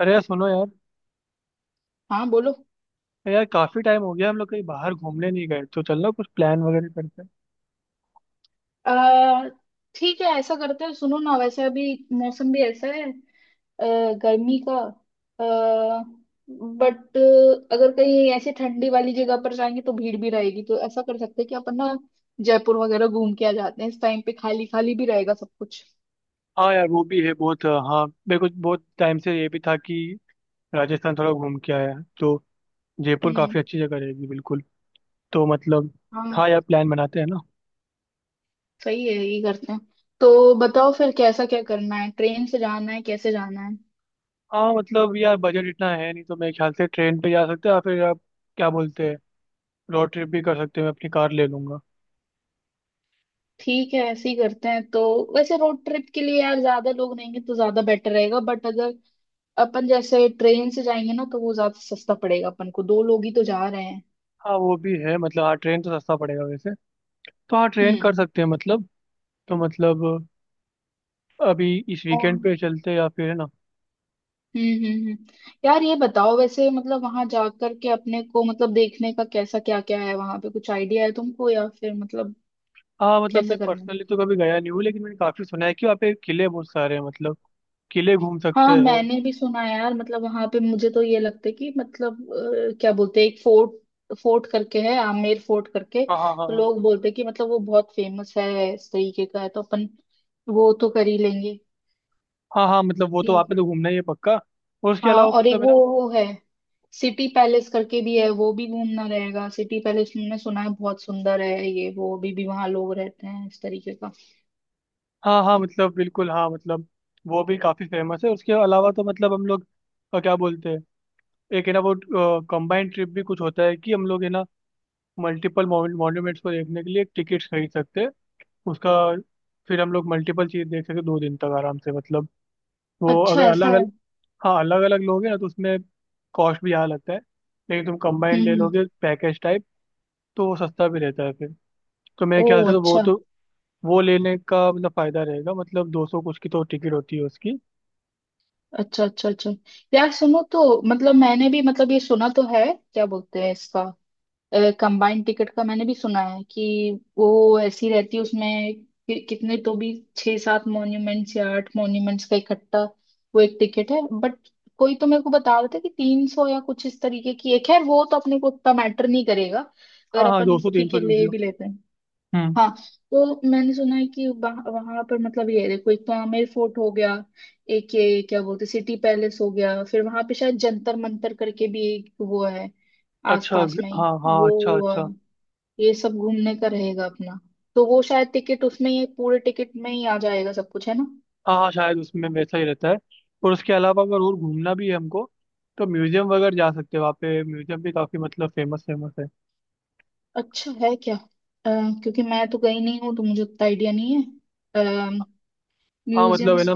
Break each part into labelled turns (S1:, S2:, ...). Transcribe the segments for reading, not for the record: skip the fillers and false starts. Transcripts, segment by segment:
S1: अरे यार सुनो यार।
S2: हाँ बोलो।
S1: अरे यार, काफी टाइम हो गया, हम लोग कहीं बाहर घूमने नहीं गए। तो चलना कुछ प्लान वगैरह करते हैं।
S2: अ, ठीक है ऐसा करते हैं सुनो ना वैसे अभी मौसम भी ऐसा है गर्मी का। बट अगर कहीं ऐसे ठंडी वाली जगह पर जाएंगे तो भीड़ भी रहेगी, तो ऐसा कर सकते हैं कि अपन ना जयपुर वगैरह घूम के आ जाते हैं, इस टाइम पे खाली खाली भी रहेगा सब कुछ।
S1: हाँ यार, वो भी है। बहुत हाँ, मेरे को बहुत टाइम से ये भी था कि राजस्थान थोड़ा घूम के आया है, तो जयपुर काफी
S2: हम्म।
S1: अच्छी जगह रहेगी। बिल्कुल। तो मतलब,
S2: हाँ।
S1: हाँ यार, प्लान बनाते हैं ना।
S2: सही है यही करते हैं। तो बताओ फिर कैसा क्या करना है, ट्रेन से जाना है कैसे जाना है?
S1: हाँ मतलब यार, बजट इतना है नहीं, तो मेरे ख्याल से ट्रेन पे जा सकते हैं। या फिर आप क्या बोलते हैं, रोड ट्रिप भी कर सकते हैं, मैं अपनी कार ले लूंगा।
S2: ठीक है ऐसे ही करते हैं तो। वैसे रोड ट्रिप के लिए यार ज्यादा लोग नहीं हैं तो ज्यादा बेटर रहेगा बट अगर अपन जैसे ट्रेन से जाएंगे ना तो वो ज्यादा सस्ता पड़ेगा, अपन को दो लोग ही तो जा रहे हैं।
S1: हाँ वो भी है, मतलब हाँ, ट्रेन तो सस्ता पड़ेगा वैसे। तो हाँ, ट्रेन
S2: हम्म।
S1: कर सकते हैं मतलब। तो मतलब, अभी इस
S2: और
S1: वीकेंड
S2: हम्म।
S1: पे चलते हैं, या फिर है ना।
S2: हम्म। यार ये बताओ, वैसे मतलब वहां जाकर के अपने को मतलब देखने का कैसा क्या क्या है वहां पे, कुछ आइडिया है तुमको या फिर मतलब
S1: हाँ मतलब,
S2: कैसे
S1: मैं
S2: करना है?
S1: पर्सनली तो कभी गया नहीं हूँ, लेकिन मैंने काफी सुना है कि वहाँ पे किले बहुत सारे हैं। मतलब, किले घूम सकते
S2: हाँ
S1: हैं।
S2: मैंने भी सुना है यार, मतलब वहां पे मुझे तो ये लगता है कि मतलब क्या बोलते हैं एक फोर्ट फोर्ट करके है, आमेर फोर्ट करके
S1: हाँ हाँ हाँ
S2: तो
S1: हाँ।
S2: लोग बोलते हैं कि मतलब वो बहुत फेमस है इस तरीके का है, तो अपन वो तो कर ही लेंगे।
S1: हाँ हाँ, मतलब वो तो वहाँ
S2: ठीक
S1: पे
S2: है।
S1: तो घूमना ही है पक्का। और उसके
S2: हाँ
S1: अलावा
S2: और एक
S1: मतलब, है
S2: वो
S1: ना।
S2: वो है सिटी पैलेस करके भी है, वो भी घूमना रहेगा। सिटी पैलेस मैंने सुना है बहुत सुंदर है, ये वो अभी भी वहां लोग रहते हैं इस तरीके का।
S1: हाँ हाँ, मतलब बिल्कुल, हाँ मतलब, वो भी काफी फेमस है। उसके अलावा तो मतलब हम लोग, क्या बोलते हैं, एक है ना वो, कंबाइंड ट्रिप भी कुछ होता है कि हम लोग, है ना, मल्टीपल मॉन्यूमेंट्स को देखने के लिए टिकट्स खरीद सकते हैं उसका। फिर हम लोग मल्टीपल चीज देख सकते हैं, 2 दिन तक आराम से मतलब। वो
S2: अच्छा
S1: अगर
S2: ऐसा है।
S1: अलग। हाँ, अलग अलग लोगे ना, तो उसमें कॉस्ट भी यहाँ लगता है। लेकिन तुम कंबाइंड
S2: हम्म
S1: ले
S2: हम्म।
S1: लोगे पैकेज टाइप, तो वो सस्ता भी रहता है फिर। तो मेरे
S2: ओ
S1: ख्याल से तो वो
S2: अच्छा।
S1: तो, वो लेने का मतलब फायदा रहेगा। मतलब 200 कुछ की तो टिकट होती है उसकी।
S2: अच्छा अच्छा अच्छा। यार सुनो तो मतलब मैंने भी मतलब ये सुना तो है, क्या बोलते हैं इसका, कंबाइंड टिकट का मैंने भी सुना है कि वो ऐसी रहती है उसमें कि कितने तो भी 6-7 मॉन्यूमेंट्स या 8 मॉन्यूमेंट्स का इकट्ठा वो एक टिकट है। बट कोई तो मेरे को बता रहा था कि 300 या कुछ इस तरीके की एक है, वो तो अपने को उतना मैटर नहीं करेगा, अगर
S1: हाँ हाँ, दो
S2: अपन
S1: सौ तीन
S2: ठीक
S1: सौ
S2: है
S1: जो भी
S2: ले
S1: हो।
S2: भी लेते हैं।
S1: हम्म।
S2: हाँ। तो मैंने सुना है कि वहां पर मतलब ये है, देखो एक तो आमेर फोर्ट हो गया, एक ये क्या बोलते सिटी पैलेस हो गया, फिर वहां पे शायद जंतर मंतर करके भी एक वो है
S1: अच्छा,
S2: आसपास में ही,
S1: हाँ हाँ,
S2: वो
S1: अच्छा
S2: हुआ,
S1: अच्छा।
S2: ये सब घूमने का रहेगा अपना, तो वो शायद टिकट उसमें ही पूरे टिकट में ही आ जाएगा सब कुछ है ना।
S1: हाँ हाँ, शायद उसमें वैसा ही रहता है। और उसके अलावा अगर और घूमना भी है हमको, तो म्यूजियम वगैरह जा सकते हैं। वहाँ पे म्यूजियम भी काफी, मतलब फेमस फेमस है।
S2: अच्छा है क्या? क्योंकि मैं तो गई नहीं हूँ तो मुझे उतना आइडिया नहीं है
S1: हाँ मतलब, है
S2: म्यूजियम्स।
S1: ना।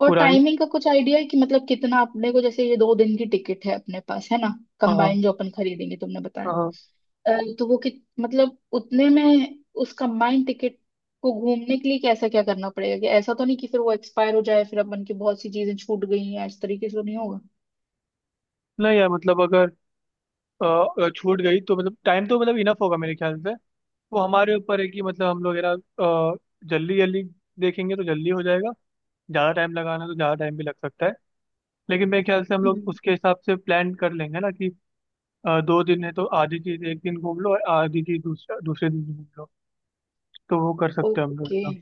S2: और
S1: पुरानी।
S2: टाइमिंग का कुछ आइडिया है कि मतलब कितना अपने को, जैसे ये 2 दिन की टिकट है अपने पास है ना
S1: हाँ हाँ।
S2: कंबाइन जो अपन खरीदेंगे तुमने बताया,
S1: हाँ। हाँ।
S2: अ, तो वो कि मतलब उतने में उस कंबाइंड टिकट को घूमने के लिए कैसा क्या करना पड़ेगा, कि ऐसा तो नहीं कि फिर वो एक्सपायर हो जाए फिर अपन की बहुत सी चीजें छूट गई हैं इस तरीके से तो नहीं होगा?
S1: नहीं यार मतलब, अगर छूट गई, तो मतलब टाइम तो मतलब इनफ होगा, मेरे ख्याल से। वो हमारे ऊपर है कि मतलब हम लोग, है ना, अ, जल्दी जल्दी देखेंगे तो जल्दी हो जाएगा। ज़्यादा टाइम लगाना है तो ज़्यादा टाइम भी लग सकता है। लेकिन मेरे ख्याल से हम लोग
S2: हम्म।
S1: उसके हिसाब से प्लान कर लेंगे ना कि 2 दिन है, तो आधी चीज़ एक दिन घूम लो और आधी चीज़ दूसरा दूसरे दिन घूम लो। तो वो कर सकते हैं हम लोग
S2: ओके।
S1: एकदम।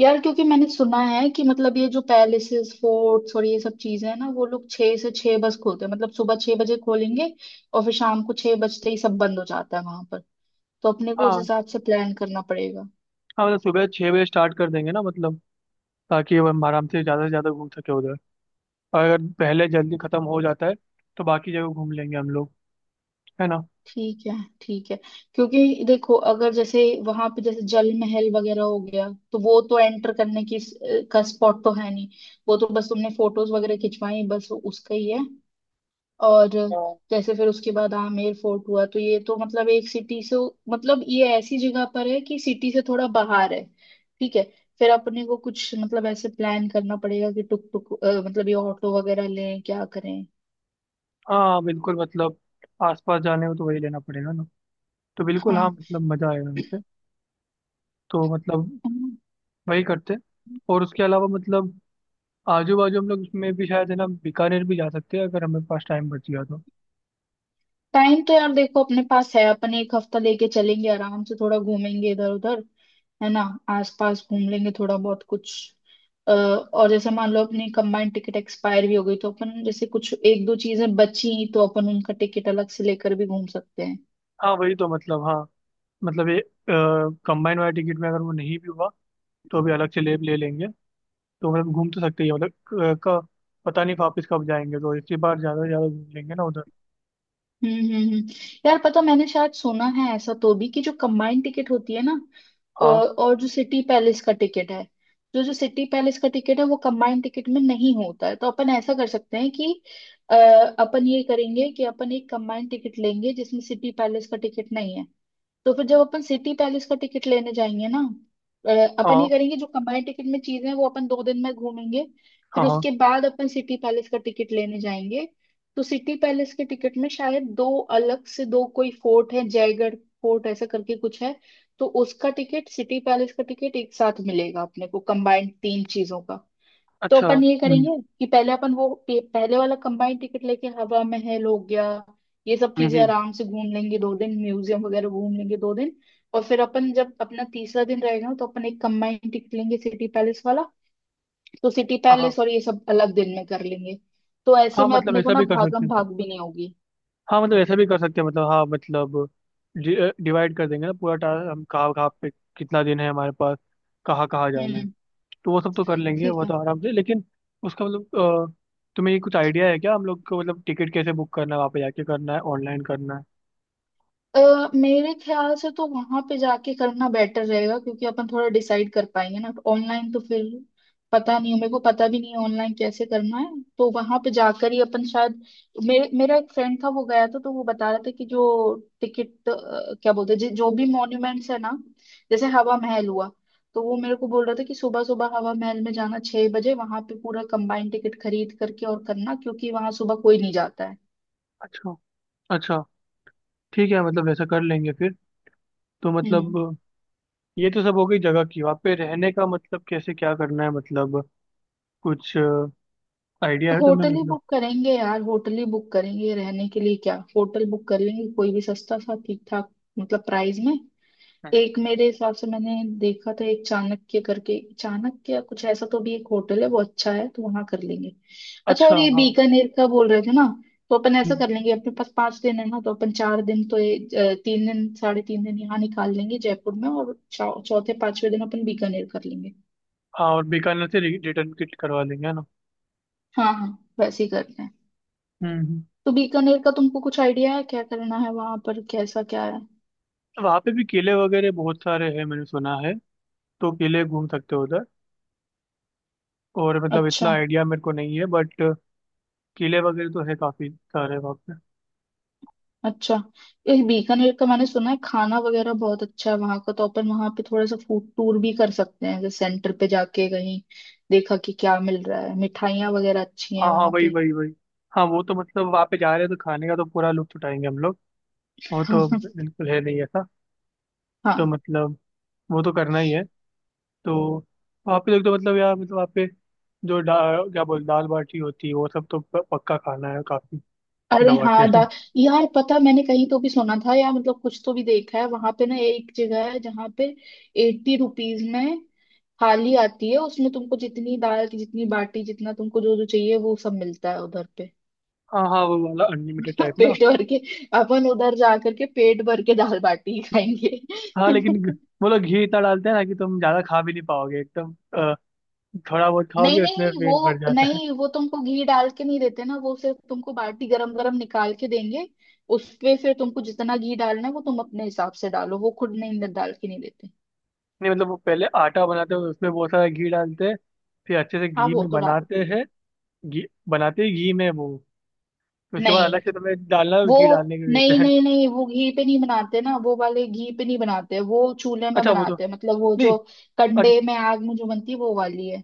S2: यार क्योंकि मैंने सुना है कि मतलब ये जो पैलेसेस फोर्ट्स और ये सब चीजें हैं ना वो लोग 6 से 6 बस खोलते हैं, मतलब सुबह 6 बजे खोलेंगे और फिर शाम को छह बजते ही सब बंद हो जाता है वहां पर, तो अपने को उस
S1: हाँ
S2: हिसाब से प्लान करना पड़ेगा।
S1: हाँ, मतलब सुबह 6 बजे स्टार्ट कर देंगे ना मतलब, ताकि हम आराम से ज़्यादा घूम सके उधर। और अगर पहले जल्दी ख़त्म हो जाता है, तो बाकी जगह घूम लेंगे हम लोग, है ना।
S2: ठीक है ठीक है। क्योंकि देखो अगर जैसे वहां पे जैसे जल महल वगैरह हो गया तो वो तो एंटर करने की का स्पॉट तो है नहीं, वो तो बस तुमने फोटोज वगैरह खिंचवाई बस उसका ही है। और जैसे फिर उसके बाद आमेर फोर्ट हुआ तो ये तो मतलब एक सिटी से मतलब ये ऐसी जगह पर है कि सिटी से थोड़ा बाहर है। ठीक है। फिर अपने को कुछ मतलब ऐसे प्लान करना पड़ेगा कि टुक टुक मतलब ये ऑटो वगैरह लें क्या करें।
S1: हाँ बिल्कुल मतलब, आसपास जाने हो तो वही लेना पड़ेगा ना। तो बिल्कुल हाँ
S2: हाँ।
S1: मतलब, मजा आएगा वैसे। तो मतलब, वही करते हैं। और उसके अलावा मतलब आजू बाजू हम लोग उसमें भी शायद, है ना, बीकानेर भी जा सकते हैं अगर हमारे पास टाइम बच गया तो।
S2: टाइम तो यार देखो अपने पास है, अपन एक हफ्ता लेके चलेंगे, आराम से थोड़ा घूमेंगे इधर उधर है ना, आसपास घूम लेंगे थोड़ा बहुत कुछ। और जैसे मान लो अपनी कंबाइंड टिकट एक्सपायर भी हो गई तो अपन जैसे कुछ एक दो चीजें बची तो अपन उनका टिकट अलग से लेकर भी घूम सकते हैं।
S1: हाँ वही तो, मतलब हाँ मतलब, ये कंबाइन वाला टिकट में अगर वो नहीं भी हुआ, तो अभी अलग से ले ले लेंगे। तो मतलब घूम तो सकते ही हैं। मतलब का पता नहीं वापस कब जाएंगे, तो इसी बार ज्यादा से ज्यादा घूम लेंगे ना उधर।
S2: हम्म हम्म हम्म। यार पता मैंने शायद सुना है ऐसा तो भी कि जो कंबाइंड टिकट होती है ना
S1: हाँ
S2: और जो सिटी पैलेस का टिकट है, जो जो सिटी पैलेस का टिकट है वो कंबाइंड टिकट में नहीं होता है, तो अपन ऐसा कर सकते हैं कि अ, अपन ये करेंगे कि अपन एक कंबाइंड टिकट लेंगे जिसमें सिटी पैलेस का टिकट नहीं है, तो फिर जब अपन सिटी पैलेस का टिकट लेने जाएंगे ना, अ, अपन ये
S1: हाँ
S2: करेंगे जो कंबाइंड टिकट में चीजें हैं वो अपन 2 दिन में घूमेंगे,
S1: हाँ
S2: फिर
S1: हाँ,
S2: उसके बाद अपन सिटी पैलेस का टिकट लेने जाएंगे, तो सिटी पैलेस के टिकट में शायद दो अलग से दो कोई फोर्ट है जयगढ़ फोर्ट ऐसा करके कुछ है, तो उसका टिकट सिटी पैलेस का टिकट एक साथ मिलेगा अपने को कंबाइंड तीन चीजों का। तो
S1: अच्छा।
S2: अपन ये करेंगे कि पहले अपन पहले वाला कंबाइंड टिकट लेके हवा महल हो गया ये सब
S1: हम्म हम्म।
S2: चीजें आराम से घूम लेंगे 2 दिन, म्यूजियम वगैरह घूम लेंगे 2 दिन, और फिर अपन जब अपना तीसरा दिन रहेगा तो अपन एक कंबाइंड टिकट लेंगे सिटी पैलेस वाला, तो सिटी
S1: हाँ हाँ
S2: पैलेस और ये सब अलग दिन में कर लेंगे, तो ऐसे
S1: हाँ,
S2: में
S1: मतलब
S2: अपने को
S1: ऐसा
S2: ना
S1: भी कर सकते
S2: भागम
S1: हैं।
S2: भाग भी नहीं होगी।
S1: हाँ मतलब ऐसा भी कर सकते हैं, मतलब हाँ मतलब, डिवाइड कर देंगे ना पूरा टास्क, हम कहाँ कहाँ पे, कितना दिन है हमारे पास, कहाँ कहाँ जाना है।
S2: हम्म।
S1: तो वो सब तो कर लेंगे,
S2: ठीक
S1: वो तो
S2: है।
S1: आराम से। लेकिन उसका मतलब अ, तुम्हें ये कुछ आइडिया है क्या हम लोग को, मतलब टिकट कैसे बुक करना है, वहाँ पे जाके करना है, ऑनलाइन करना है।
S2: अ, मेरे ख्याल से तो वहां पे जाके करना बेटर रहेगा क्योंकि अपन थोड़ा डिसाइड कर पाएंगे ना, ऑनलाइन तो फिर पता नहीं है, मेरे को पता भी नहीं है ऑनलाइन कैसे करना है तो वहां पे जाकर ही अपन शायद। मेरे मेरा एक फ्रेंड था वो गया था, तो वो बता रहा था कि जो टिकट क्या बोलते हैं जो भी मॉन्यूमेंट्स है ना जैसे हवा महल हुआ, तो वो मेरे को बोल रहा था कि सुबह सुबह हवा महल में जाना 6 बजे, वहां पे पूरा कंबाइंड टिकट खरीद करके और करना क्योंकि वहां सुबह कोई नहीं जाता है।
S1: अच्छा अच्छा, ठीक है मतलब ऐसा कर लेंगे फिर। तो मतलब
S2: हम्म।
S1: ये तो सब हो गई जगह की। वहाँ पे रहने का मतलब कैसे क्या करना है, मतलब कुछ आइडिया है तुम्हें
S2: होटल ही
S1: मतलब।
S2: बुक करेंगे यार, होटल ही बुक करेंगे रहने के लिए, क्या होटल बुक कर लेंगे कोई भी सस्ता सा ठीक ठाक, मतलब प्राइस में।
S1: हम्म।
S2: एक मेरे हिसाब से मैंने देखा था, एक चाणक्य करके, चाणक्य कुछ ऐसा तो भी एक होटल है वो अच्छा है तो वहां कर लेंगे। अच्छा
S1: अच्छा
S2: और ये
S1: हाँ।
S2: बीकानेर का बोल रहे थे ना, तो अपन ऐसा
S1: हम्म।
S2: कर लेंगे, अपने पास 5 दिन है ना तो अपन 4 दिन तो ये 3 दिन 3.5 दिन यहाँ निकाल लेंगे जयपुर में और चौथे पांचवे दिन अपन बीकानेर कर लेंगे।
S1: हाँ और बीकानेर से रिटर्न किट करवा लेंगे, है ना।
S2: हाँ हाँ वैसे ही करते हैं।
S1: हम्म हम्म।
S2: तो बीकानेर का तुमको कुछ आइडिया है क्या करना है वहां पर कैसा क्या है?
S1: वहाँ पे भी किले वगैरह बहुत सारे हैं मैंने सुना है। तो किले घूम सकते हो उधर। और मतलब इतना
S2: अच्छा।
S1: आइडिया मेरे को नहीं है, बट किले वगैरह तो है काफी सारे वहाँ पे।
S2: अच्छा। ये बीकानेर का मैंने सुना है खाना वगैरह बहुत अच्छा है वहां का, तो अपन वहां पे थोड़ा सा फूड टूर भी कर सकते हैं, जैसे सेंटर पे जाके कहीं देखा कि क्या मिल रहा है, मिठाइयाँ वगैरह अच्छी हैं
S1: हाँ हाँ,
S2: वहां
S1: वही
S2: पे।
S1: वही वही। हाँ वो तो मतलब, वहाँ पे जा रहे हैं तो खाने का तो पूरा लुत्फ उठाएंगे हम लोग। वो तो बिल्कुल है नहीं ऐसा। तो
S2: हाँ।
S1: मतलब, वो तो करना ही है। तो वहाँ पे देख, तो मतलब यार मतलब वहाँ पे जो डा क्या बोल, दाल बाटी होती है, वो सब तो पक्का खाना है काफी,
S2: अरे
S1: दबा के।
S2: हाँ दा यार पता मैंने कहीं तो भी सुना था या मतलब कुछ तो भी देखा है वहां पे ना एक जगह है जहाँ पे ₹80 में थाली आती है, उसमें तुमको जितनी दाल की जितनी बाटी जितना तुमको जो जो चाहिए वो सब मिलता है उधर पे।
S1: हाँ हाँ, वो वाला अनलिमिटेड टाइप ना।
S2: पेट भर के अपन उधर जा करके पेट भर के दाल बाटी खाएंगे।
S1: हाँ लेकिन वो लोग घी इतना डालते हैं ना कि तुम ज्यादा खा भी नहीं पाओगे एकदम। अ, थोड़ा बहुत
S2: नहीं
S1: खाओगे उसमें
S2: नहीं
S1: पेट भर
S2: वो
S1: जाता है।
S2: नहीं, वो तुमको घी डाल के नहीं देते ना, वो सिर्फ तुमको बाटी गरम गरम निकाल के देंगे, उसपे फिर तुमको जितना घी डालना है वो तुम अपने हिसाब से डालो, वो खुद नहीं डाल के नहीं देते।
S1: नहीं मतलब, वो पहले आटा बनाते हैं, उसमें बहुत सारा घी डालते हैं, फिर अच्छे से
S2: हाँ
S1: घी
S2: वो
S1: में
S2: तो डालते
S1: बनाते
S2: हैं।
S1: हैं। घी बनाते ही घी में वो, उसके बाद
S2: नहीं
S1: अलग से तुम्हें डालना है,
S2: वो
S1: घी डालने के लिए देते
S2: नहीं
S1: हैं।
S2: नहीं नहीं वो घी पे नहीं बनाते ना, वो वाले घी पे नहीं बनाते, वो चूल्हे में
S1: अच्छा वो तो
S2: बनाते हैं, मतलब वो जो
S1: नहीं। अच्छा,
S2: कंडे में आग में जो बनती है वो वाली है।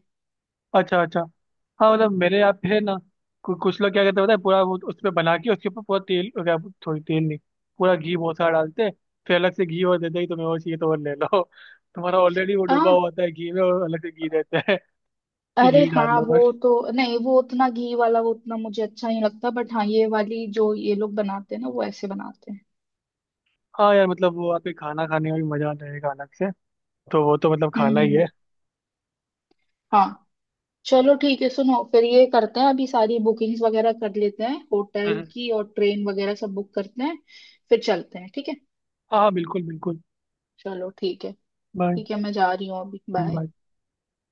S1: अच्छा अच्छा। हाँ मतलब, मेरे यहाँ पे है ना, कुछ लोग क्या करते हैं पता है, पूरा वो उस पे बना के उसके ऊपर पूरा तेल क्या। थोड़ी तेल नहीं, पूरा घी बहुत सारा डालते हैं, फिर अलग से घी और देते हैं कि तुम्हें वो चाहिए तो वो ले लो। तुम्हारा ऑलरेडी वो डूबा
S2: हाँ।
S1: हुआ होता है घी में, और अलग से घी देते हैं। कि
S2: अरे
S1: घी डाल
S2: हाँ
S1: लो
S2: वो
S1: बस।
S2: तो नहीं, वो उतना घी वाला वो उतना मुझे अच्छा नहीं लगता बट हाँ ये वाली जो ये लोग बनाते हैं ना वो ऐसे बनाते हैं।
S1: हाँ यार मतलब, वो वहाँ पे खाना खाने में भी मजा आता है एक अलग से। तो वो तो मतलब खाना ही
S2: हम्म।
S1: है।
S2: हाँ। चलो ठीक है सुनो, फिर ये करते हैं अभी सारी बुकिंग्स वगैरह कर लेते हैं होटल
S1: हम्म।
S2: की और ट्रेन वगैरह सब बुक करते हैं फिर चलते हैं ठीक है।
S1: हाँ बिल्कुल बिल्कुल।
S2: चलो ठीक है।
S1: बाय।
S2: ठीक है मैं जा रही हूँ अभी। बाय।
S1: बाय।